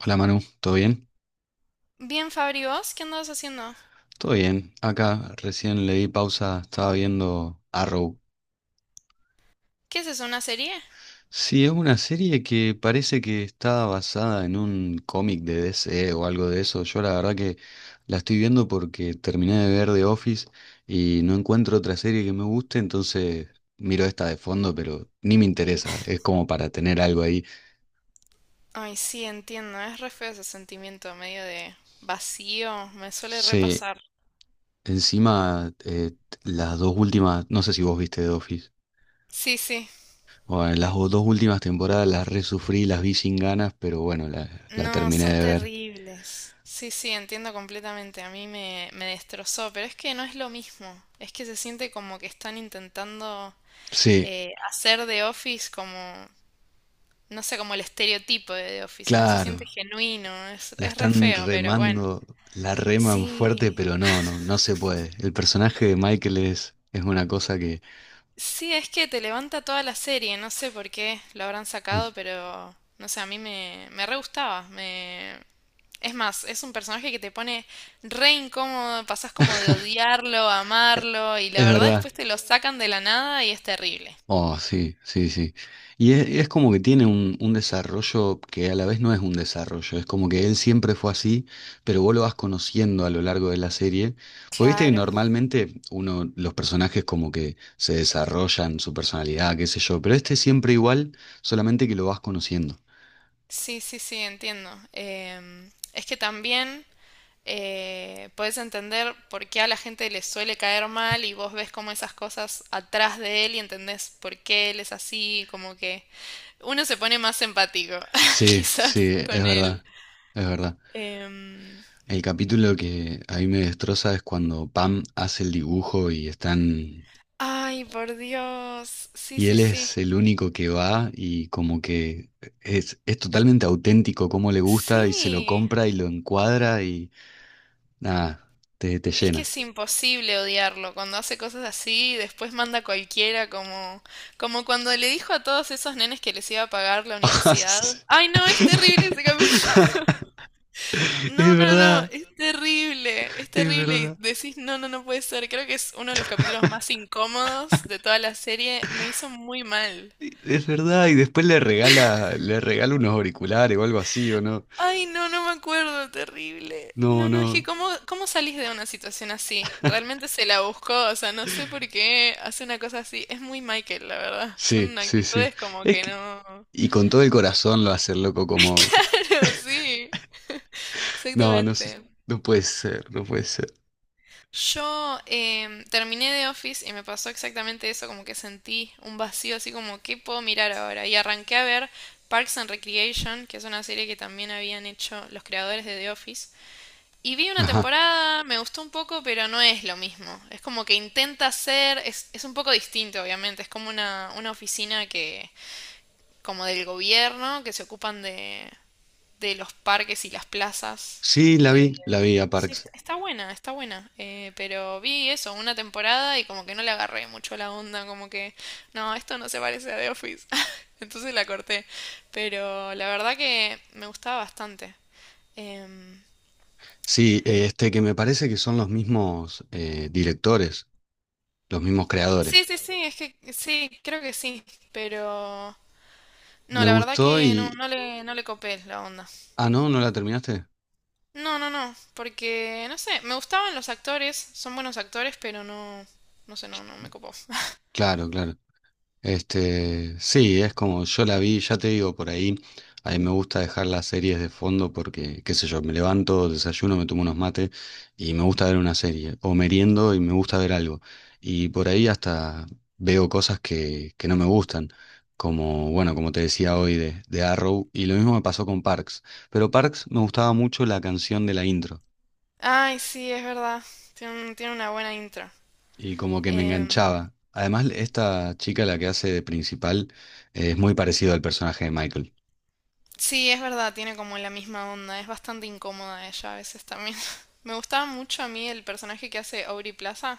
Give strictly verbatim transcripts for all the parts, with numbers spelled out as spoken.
Hola Manu, ¿todo bien? Bien, Fabri, ¿vos qué andabas haciendo? Todo bien. Acá recién le di pausa, estaba viendo Arrow. ¿Qué es eso, una serie? Sí, es una serie que parece que está basada en un cómic de D C o algo de eso. Yo la verdad que la estoy viendo porque terminé de ver The Office y no encuentro otra serie que me guste, entonces miro esta de fondo, pero ni me interesa. Es como para tener algo ahí. Ay, sí, entiendo, es re feo ese sentimiento medio de vacío, me suele Sí, repasar. encima eh, las dos últimas, no sé si vos viste The Office. Sí, sí, Bueno, las o- dos últimas temporadas las resufrí, las vi sin ganas, pero bueno, la, la no, terminé son de ver. terribles. Sí, sí, entiendo completamente, a mí me, me destrozó, pero es que no es lo mismo, es que se siente como que están intentando Sí, eh, hacer de Office como, no sé, como el estereotipo de The Office, y no se siente claro, genuino, es, la es re están feo, pero bueno. remando, la reman fuerte, Sí, pero no, no, no se puede. El personaje de Michael es, es una cosa que... sí, es que te levanta toda la serie, no sé por qué lo habrán sacado, pero no sé, a mí me, me re gustaba. Me... Es más, es un personaje que te pone re incómodo, pasás como de odiarlo a amarlo, y la Es verdad verdad. después te lo sacan de la nada y es terrible. Oh, sí, sí, sí. Y es, es como que tiene un, un desarrollo que a la vez no es un desarrollo, es como que él siempre fue así, pero vos lo vas conociendo a lo largo de la serie. Porque viste que Claro, normalmente uno, los personajes como que se desarrollan su personalidad, qué sé yo, pero este es siempre igual, solamente que lo vas conociendo. sí, sí, sí, entiendo. Em, es que también eh, puedes entender por qué a la gente le suele caer mal y vos ves como esas cosas atrás de él y entendés por qué él es así, como que uno se pone más empático, Sí, quizás, sí, es con él. verdad, es verdad. Em, El capítulo que a mí me destroza es cuando Pam hace el dibujo y están. Ay, por Dios. Sí, Y sí, él sí. es el único que va y como que es, es totalmente auténtico, como le gusta y se lo Sí. compra y lo encuadra y nada, te, te Es que llena. es imposible odiarlo. Cuando hace cosas así, después manda a cualquiera como, como cuando le dijo a todos esos nenes que les iba a pagar la universidad. Ay, no, es terrible ese capítulo. No, Es no, no, verdad, es terrible, es es terrible. Y verdad, decís, no, no, no puede ser. Creo que es uno de los capítulos más incómodos de toda la serie. Me hizo muy mal. es verdad. Y después le regala, le regala unos auriculares o algo así, ¿o no? Ay, no, no me acuerdo, terrible. No, No, no, es que no. ¿cómo, cómo salís de una situación así? Realmente se la buscó, o sea, no sé por qué hace una cosa así. Es muy Michael, la verdad. Sí, Son sí, sí. actitudes como Es que que, no... y con todo el corazón lo hace el loco como... Claro, sí, No, no, se- exactamente. no puede ser, no puede ser. Yo, em, terminé de Office y me pasó exactamente eso, como que sentí un vacío así como, ¿qué puedo mirar ahora? Y arranqué a ver Parks and Recreation, que es una serie que también habían hecho los creadores de The Office. Y vi una Ajá. temporada, me gustó un poco, pero no es lo mismo. Es como que intenta ser, es, es un poco distinto, obviamente. Es como una, una oficina que, como del gobierno, que se ocupan de, de los parques y las plazas. Sí, la vi, De... la vi a Sí, Park. est- está buena, está buena. Eh, pero vi eso, una temporada y como que no le agarré mucho la onda, como que, no, esto no se parece a The Office. Entonces la corté. Pero la verdad que me gustaba bastante. Em, Sí, eh, este que me parece que son los mismos eh, directores, los mismos Sí, creadores. sí, sí, es que sí, creo que sí, pero no, Me la verdad gustó que no, y... no le, no le copé la onda. Ah, no, ¿no la terminaste? No, no, no, porque no sé, me gustaban los actores, son buenos actores, pero no, no sé, no, no me copó. Claro, claro. Este, sí, es como yo la vi, ya te digo, por ahí, a mí me gusta dejar las series de fondo porque, qué sé yo, me levanto, desayuno, me tomo unos mates y me gusta ver una serie, o meriendo y me gusta ver algo. Y por ahí hasta veo cosas que, que no me gustan, como, bueno, como te decía hoy de, de Arrow, y lo mismo me pasó con Parks, pero Parks me gustaba mucho la canción de la intro Ay, sí, es verdad, tiene, un- tiene una buena intro. y como que me Em, enganchaba. Además, esta chica, la que hace de principal, eh, es muy parecido al personaje de Michael. sí, es verdad, tiene como la misma onda, es bastante incómoda ella a veces también. Me gustaba mucho a mí el personaje que hace Aubrey Plaza,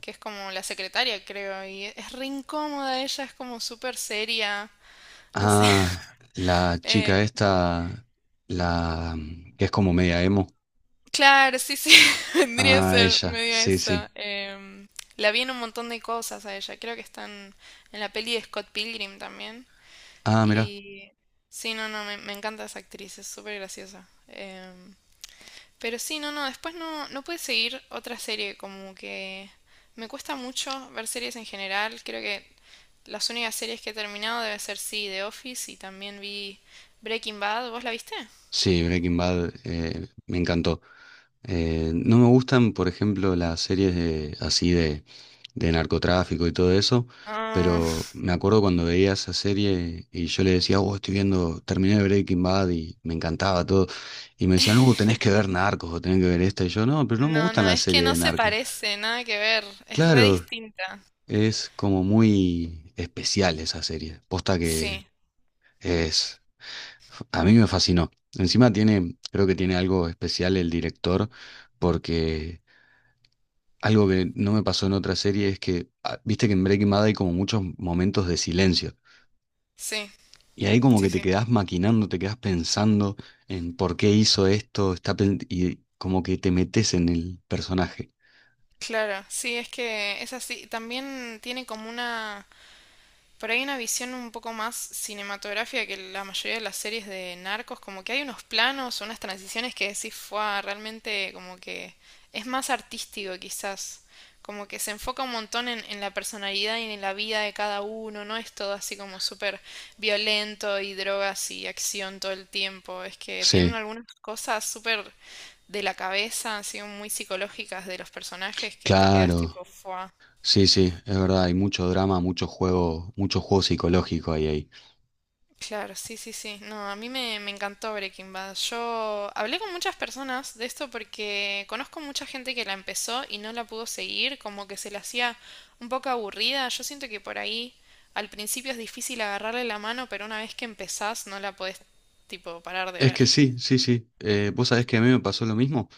que es como la secretaria, creo, y es re incómoda ella, es como súper seria. No sé. Ah, la chica Eh, esta, la mm, que es como media emo. claro, sí, sí, vendría a Ah, ser ella, medio sí, sí. eso. Em, la vi en un montón de cosas a ella. Creo que están en la peli de Scott Pilgrim también. Ah, mira, Y sí, no, no, me, me encanta esa actriz, es súper graciosa. Em, pero sí, no, no, después no, no pude seguir otra serie, como que me cuesta mucho ver series en general. Creo que las únicas series que he terminado debe ser sí, The Office y también vi Breaking Bad. ¿Vos la viste? sí, Breaking Bad eh, me encantó. Eh, no me gustan, por ejemplo, las series de, así de, de narcotráfico y todo eso, Ah, pero me acuerdo cuando veía esa serie y yo le decía, oh, estoy viendo, terminé Breaking Bad y me encantaba todo. Y me decían, no, tenés que ver Narcos o tenés que ver esta. Y yo, no, pero no me no, gustan no, las es que series no de se Narcos. parece, nada que ver, es re Claro. distinta. Es como muy especial esa serie. Posta que Sí, es... A mí me fascinó. Encima tiene, creo que tiene algo especial el director, porque algo que no me pasó en otra serie es que, ah, viste que en Breaking Bad hay como muchos momentos de silencio. sí, Y ahí como sí, que te sí, quedás maquinando, te quedás pensando en por qué hizo esto, está pen- y como que te metes en el personaje. claro, sí, es que es así. También tiene como una... Por ahí una visión un poco más cinematográfica que la mayoría de las series de narcos, como que hay unos planos, unas transiciones que decís, fue realmente como que es más artístico quizás, como que se enfoca un montón en, en la personalidad y en la vida de cada uno, no es todo así como súper violento y drogas y acción todo el tiempo, es que tienen Sí, algunas cosas súper de la cabeza, así muy psicológicas de los personajes que te quedas claro. tipo, fue. Sí, sí, es verdad, hay mucho drama, mucho juego, mucho juego psicológico ahí, ahí. Claro, sí, sí, sí. No, a mí me, me encantó Breaking Bad. Yo hablé con muchas personas de esto porque conozco mucha gente que la empezó y no la pudo seguir, como que se la hacía un poco aburrida. Yo siento que por ahí al principio es difícil agarrarle la mano, pero una vez que empezás no la podés tipo parar de Es ver. que sí, sí, sí. Eh, vos sabés que a mí me pasó lo mismo.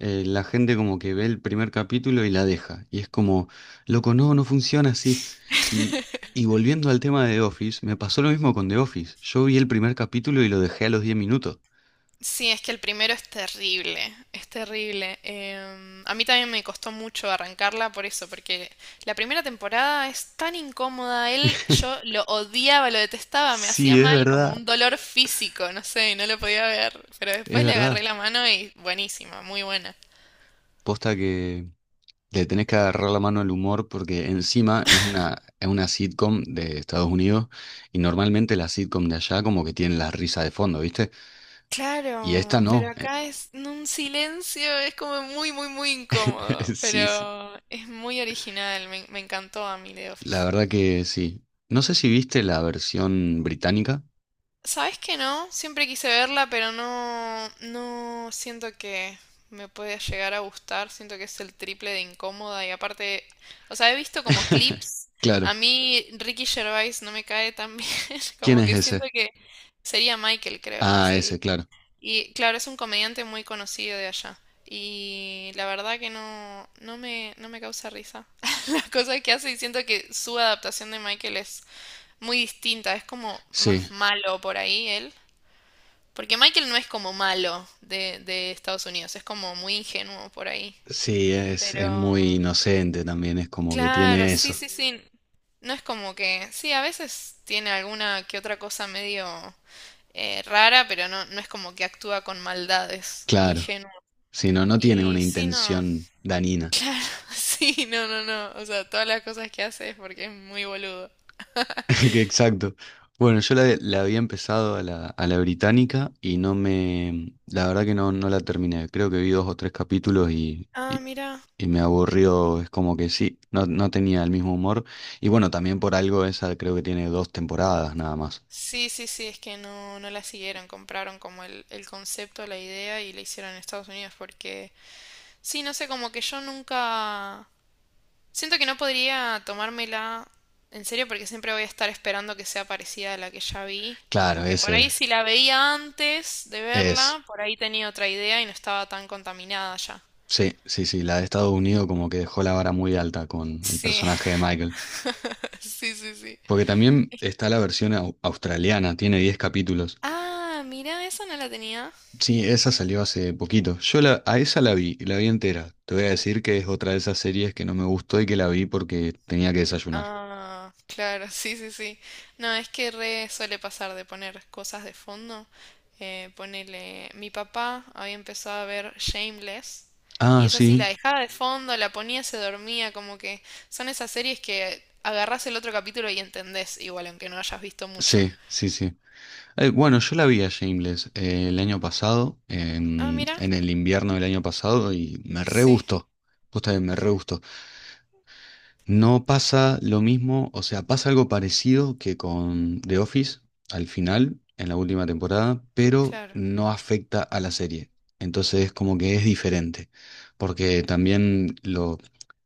Eh, la gente como que ve el primer capítulo y la deja. Y es como, loco, no, no funciona así. Y, y volviendo al tema de The Office, me pasó lo mismo con The Office. Yo vi el primer capítulo y lo dejé a los diez minutos. Sí, es que el primero es terrible, es terrible. Em, a mí también me costó mucho arrancarla por eso, porque la primera temporada es tan incómoda. Él, yo lo odiaba, lo detestaba, me hacía Sí, es mal, como verdad, un dolor físico, no sé, no lo podía ver. Pero es después le agarré verdad. la mano y buenísima, muy buena. Posta que le tenés que agarrar la mano al humor porque encima es una, es una sitcom de Estados Unidos y normalmente las sitcom de allá como que tienen la risa de fondo, ¿viste? Y esta Claro, pero no. acá es en un silencio, es como muy, muy, muy incómodo. Sí, sí. Pero es muy original, me, me encantó a mí The La Office. verdad que sí. No sé si viste la versión británica. ¿Sabes que no? Siempre quise verla, pero no, no siento que me pueda llegar a gustar. Siento que es el triple de incómoda y aparte, o sea, he visto como clips. Claro. A mí Ricky Gervais no me cae tan bien, ¿Quién como es que siento ese? que sería Michael, creo, en la Ah, ese, serie. claro. Y claro, es un comediante muy conocido de allá. Y la verdad que no, no me, no me causa risa. Las cosas que hace y siento que su adaptación de Michael es muy distinta, es como Sí, más malo por ahí él. Porque Michael no es como malo de, de Estados Unidos, es como muy ingenuo por ahí. sí, es, Pero... es muy inocente también, es como que Claro, tiene sí, eso. sí, sí. No es como que... Sí, a veces tiene alguna que otra cosa medio eh, rara, pero no, no es como que actúa con maldades, Claro. ingenuo. Si no, no tiene una Y sí, no. intención danina. Sí, no, no, no. O sea, todas las cosas que hace es porque es muy boludo. Que Exacto. Bueno, yo la, la había empezado a la, a la británica y no me... La verdad que no, no la terminé. Creo que vi dos o tres capítulos y, Ah, y mira. y me aburrió, es como que sí, no, no tenía el mismo humor. Y bueno, también por algo esa creo que tiene dos temporadas nada más. Sí, sí, sí, es que no, no la siguieron, compraron como el, el concepto, la idea y la hicieron en Estados Unidos porque sí, no sé, como que yo nunca... Siento que no podría tomármela en serio porque siempre voy a estar esperando que sea parecida a la que ya vi. Claro, Como que por ahí ese si la veía antes de es. verla, por ahí tenía otra idea y no estaba tan contaminada ya. Sí, sí, sí, la de Estados Unidos como que dejó la vara muy alta con el Sí, personaje de Michael. sí, sí, sí. Porque también está la versión au- australiana, tiene diez capítulos. Ah, mira, esa no la tenía. Sí, esa salió hace poquito. Yo la, a esa la vi, la vi entera. Te voy a decir que es otra de esas series que no me gustó y que la vi porque tenía que desayunar. Ah, claro, sí, sí, sí. No, es que re suele pasar de poner cosas de fondo. Eh, ponele, mi papá había empezado a ver Shameless y Ah, esa sí la sí, dejaba de fondo, la ponía, se dormía, como que son esas series que agarrás el otro capítulo y entendés, igual aunque no hayas visto mucho. sí, sí, sí. Eh, bueno, yo la vi a Shameless eh, el año pasado, Ah, en, mira, en el invierno del año pasado, y me re sí, gustó. Justamente me re gustó. No pasa lo mismo, o sea, pasa algo parecido que con The Office al final, en la última temporada, pero claro. no afecta a la serie. Entonces, es como que es diferente, porque también lo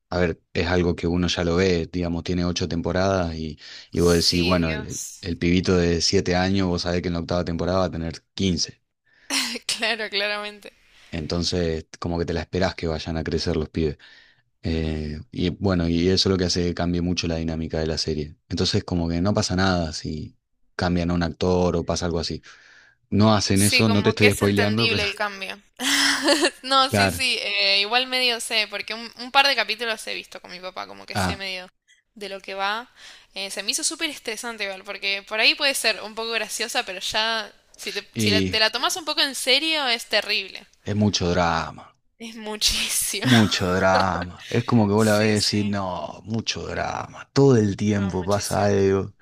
a ver, es algo que uno ya lo ve, digamos, tiene ocho temporadas y, y vos decís, Sí, bueno, el, Dios. el pibito de siete años, vos sabés que en la octava temporada va a tener quince. Claro, claramente. Entonces, como que te la esperás que vayan a crecer los pibes. Eh, y bueno, y eso es lo que hace que cambie mucho la dinámica de la serie. Entonces, como que no pasa nada si cambian a un actor o pasa algo así. No hacen Sí, eso, no te como que estoy es spoileando, entendible pero el cambio. No, sí, claro. sí, eh, igual medio sé, porque un, un par de capítulos he visto con mi papá, como que sé Ah, medio de lo que va. Eh, se me hizo súper estresante igual, porque por ahí puede ser un poco graciosa, pero ya, si te, si la- y te la tomas un poco en serio, es terrible. es mucho drama. Es muchísimo. Mucho drama. Es como que vos la Sí, ves y sí. decís, no, mucho drama. Todo el No, tiempo pasa muchísimo. algo.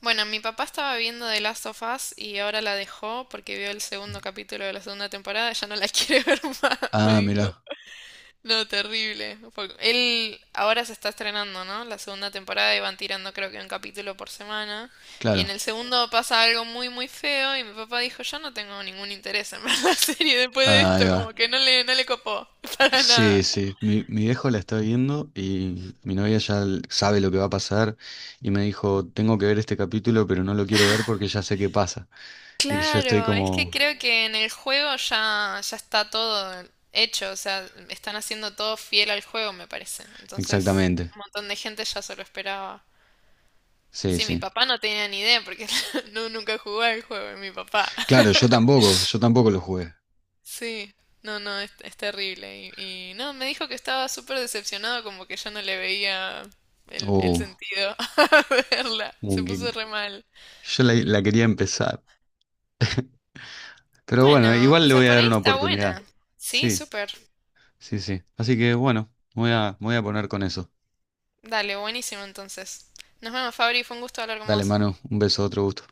Bueno, mi papá estaba viendo The Last of Us y ahora la dejó porque vio el segundo capítulo de la segunda temporada, ya no la quiere ver más, me Ah, dijo. mirá, No, terrible. Fue- Él ahora se está estrenando, ¿no? La segunda temporada y van tirando creo que un capítulo por semana. Y en claro. el segundo pasa algo muy, muy feo y mi papá dijo, yo no tengo ningún interés en ver la serie después de Ahí esto, va. como que no le, no le copó para Sí, nada. sí. Mi, mi viejo la está viendo y mi novia ya l- sabe lo que va a pasar y me dijo, tengo que ver este capítulo, pero no lo quiero ver porque ya sé qué pasa. Y yo estoy Claro, es que como, creo que en el juego ya, ya está todo hecho, o sea, están haciendo todo fiel al juego, me parece. Entonces, exactamente. un montón de gente ya se lo esperaba. Sí, Sí, mi sí. papá no tenía ni idea porque no, nunca jugó al juego, mi papá. Claro, yo tampoco, yo tampoco lo jugué. Sí, no, no, es, es terrible. Y, y no, me dijo que estaba súper decepcionado, como que ya no le veía el, el Oh, sentido a verla. Se como que puso re mal. yo la la quería empezar. Pero bueno, Bueno, o igual le sea, voy a por dar ahí una está oportunidad. buena. Sí, Sí. súper. Sí, sí. Así que bueno, me voy a, me voy a poner con eso. Dale, buenísimo entonces. Nos vemos, Fabri, fue un gusto hablar con Dale, vos. Manu, un beso, otro gusto.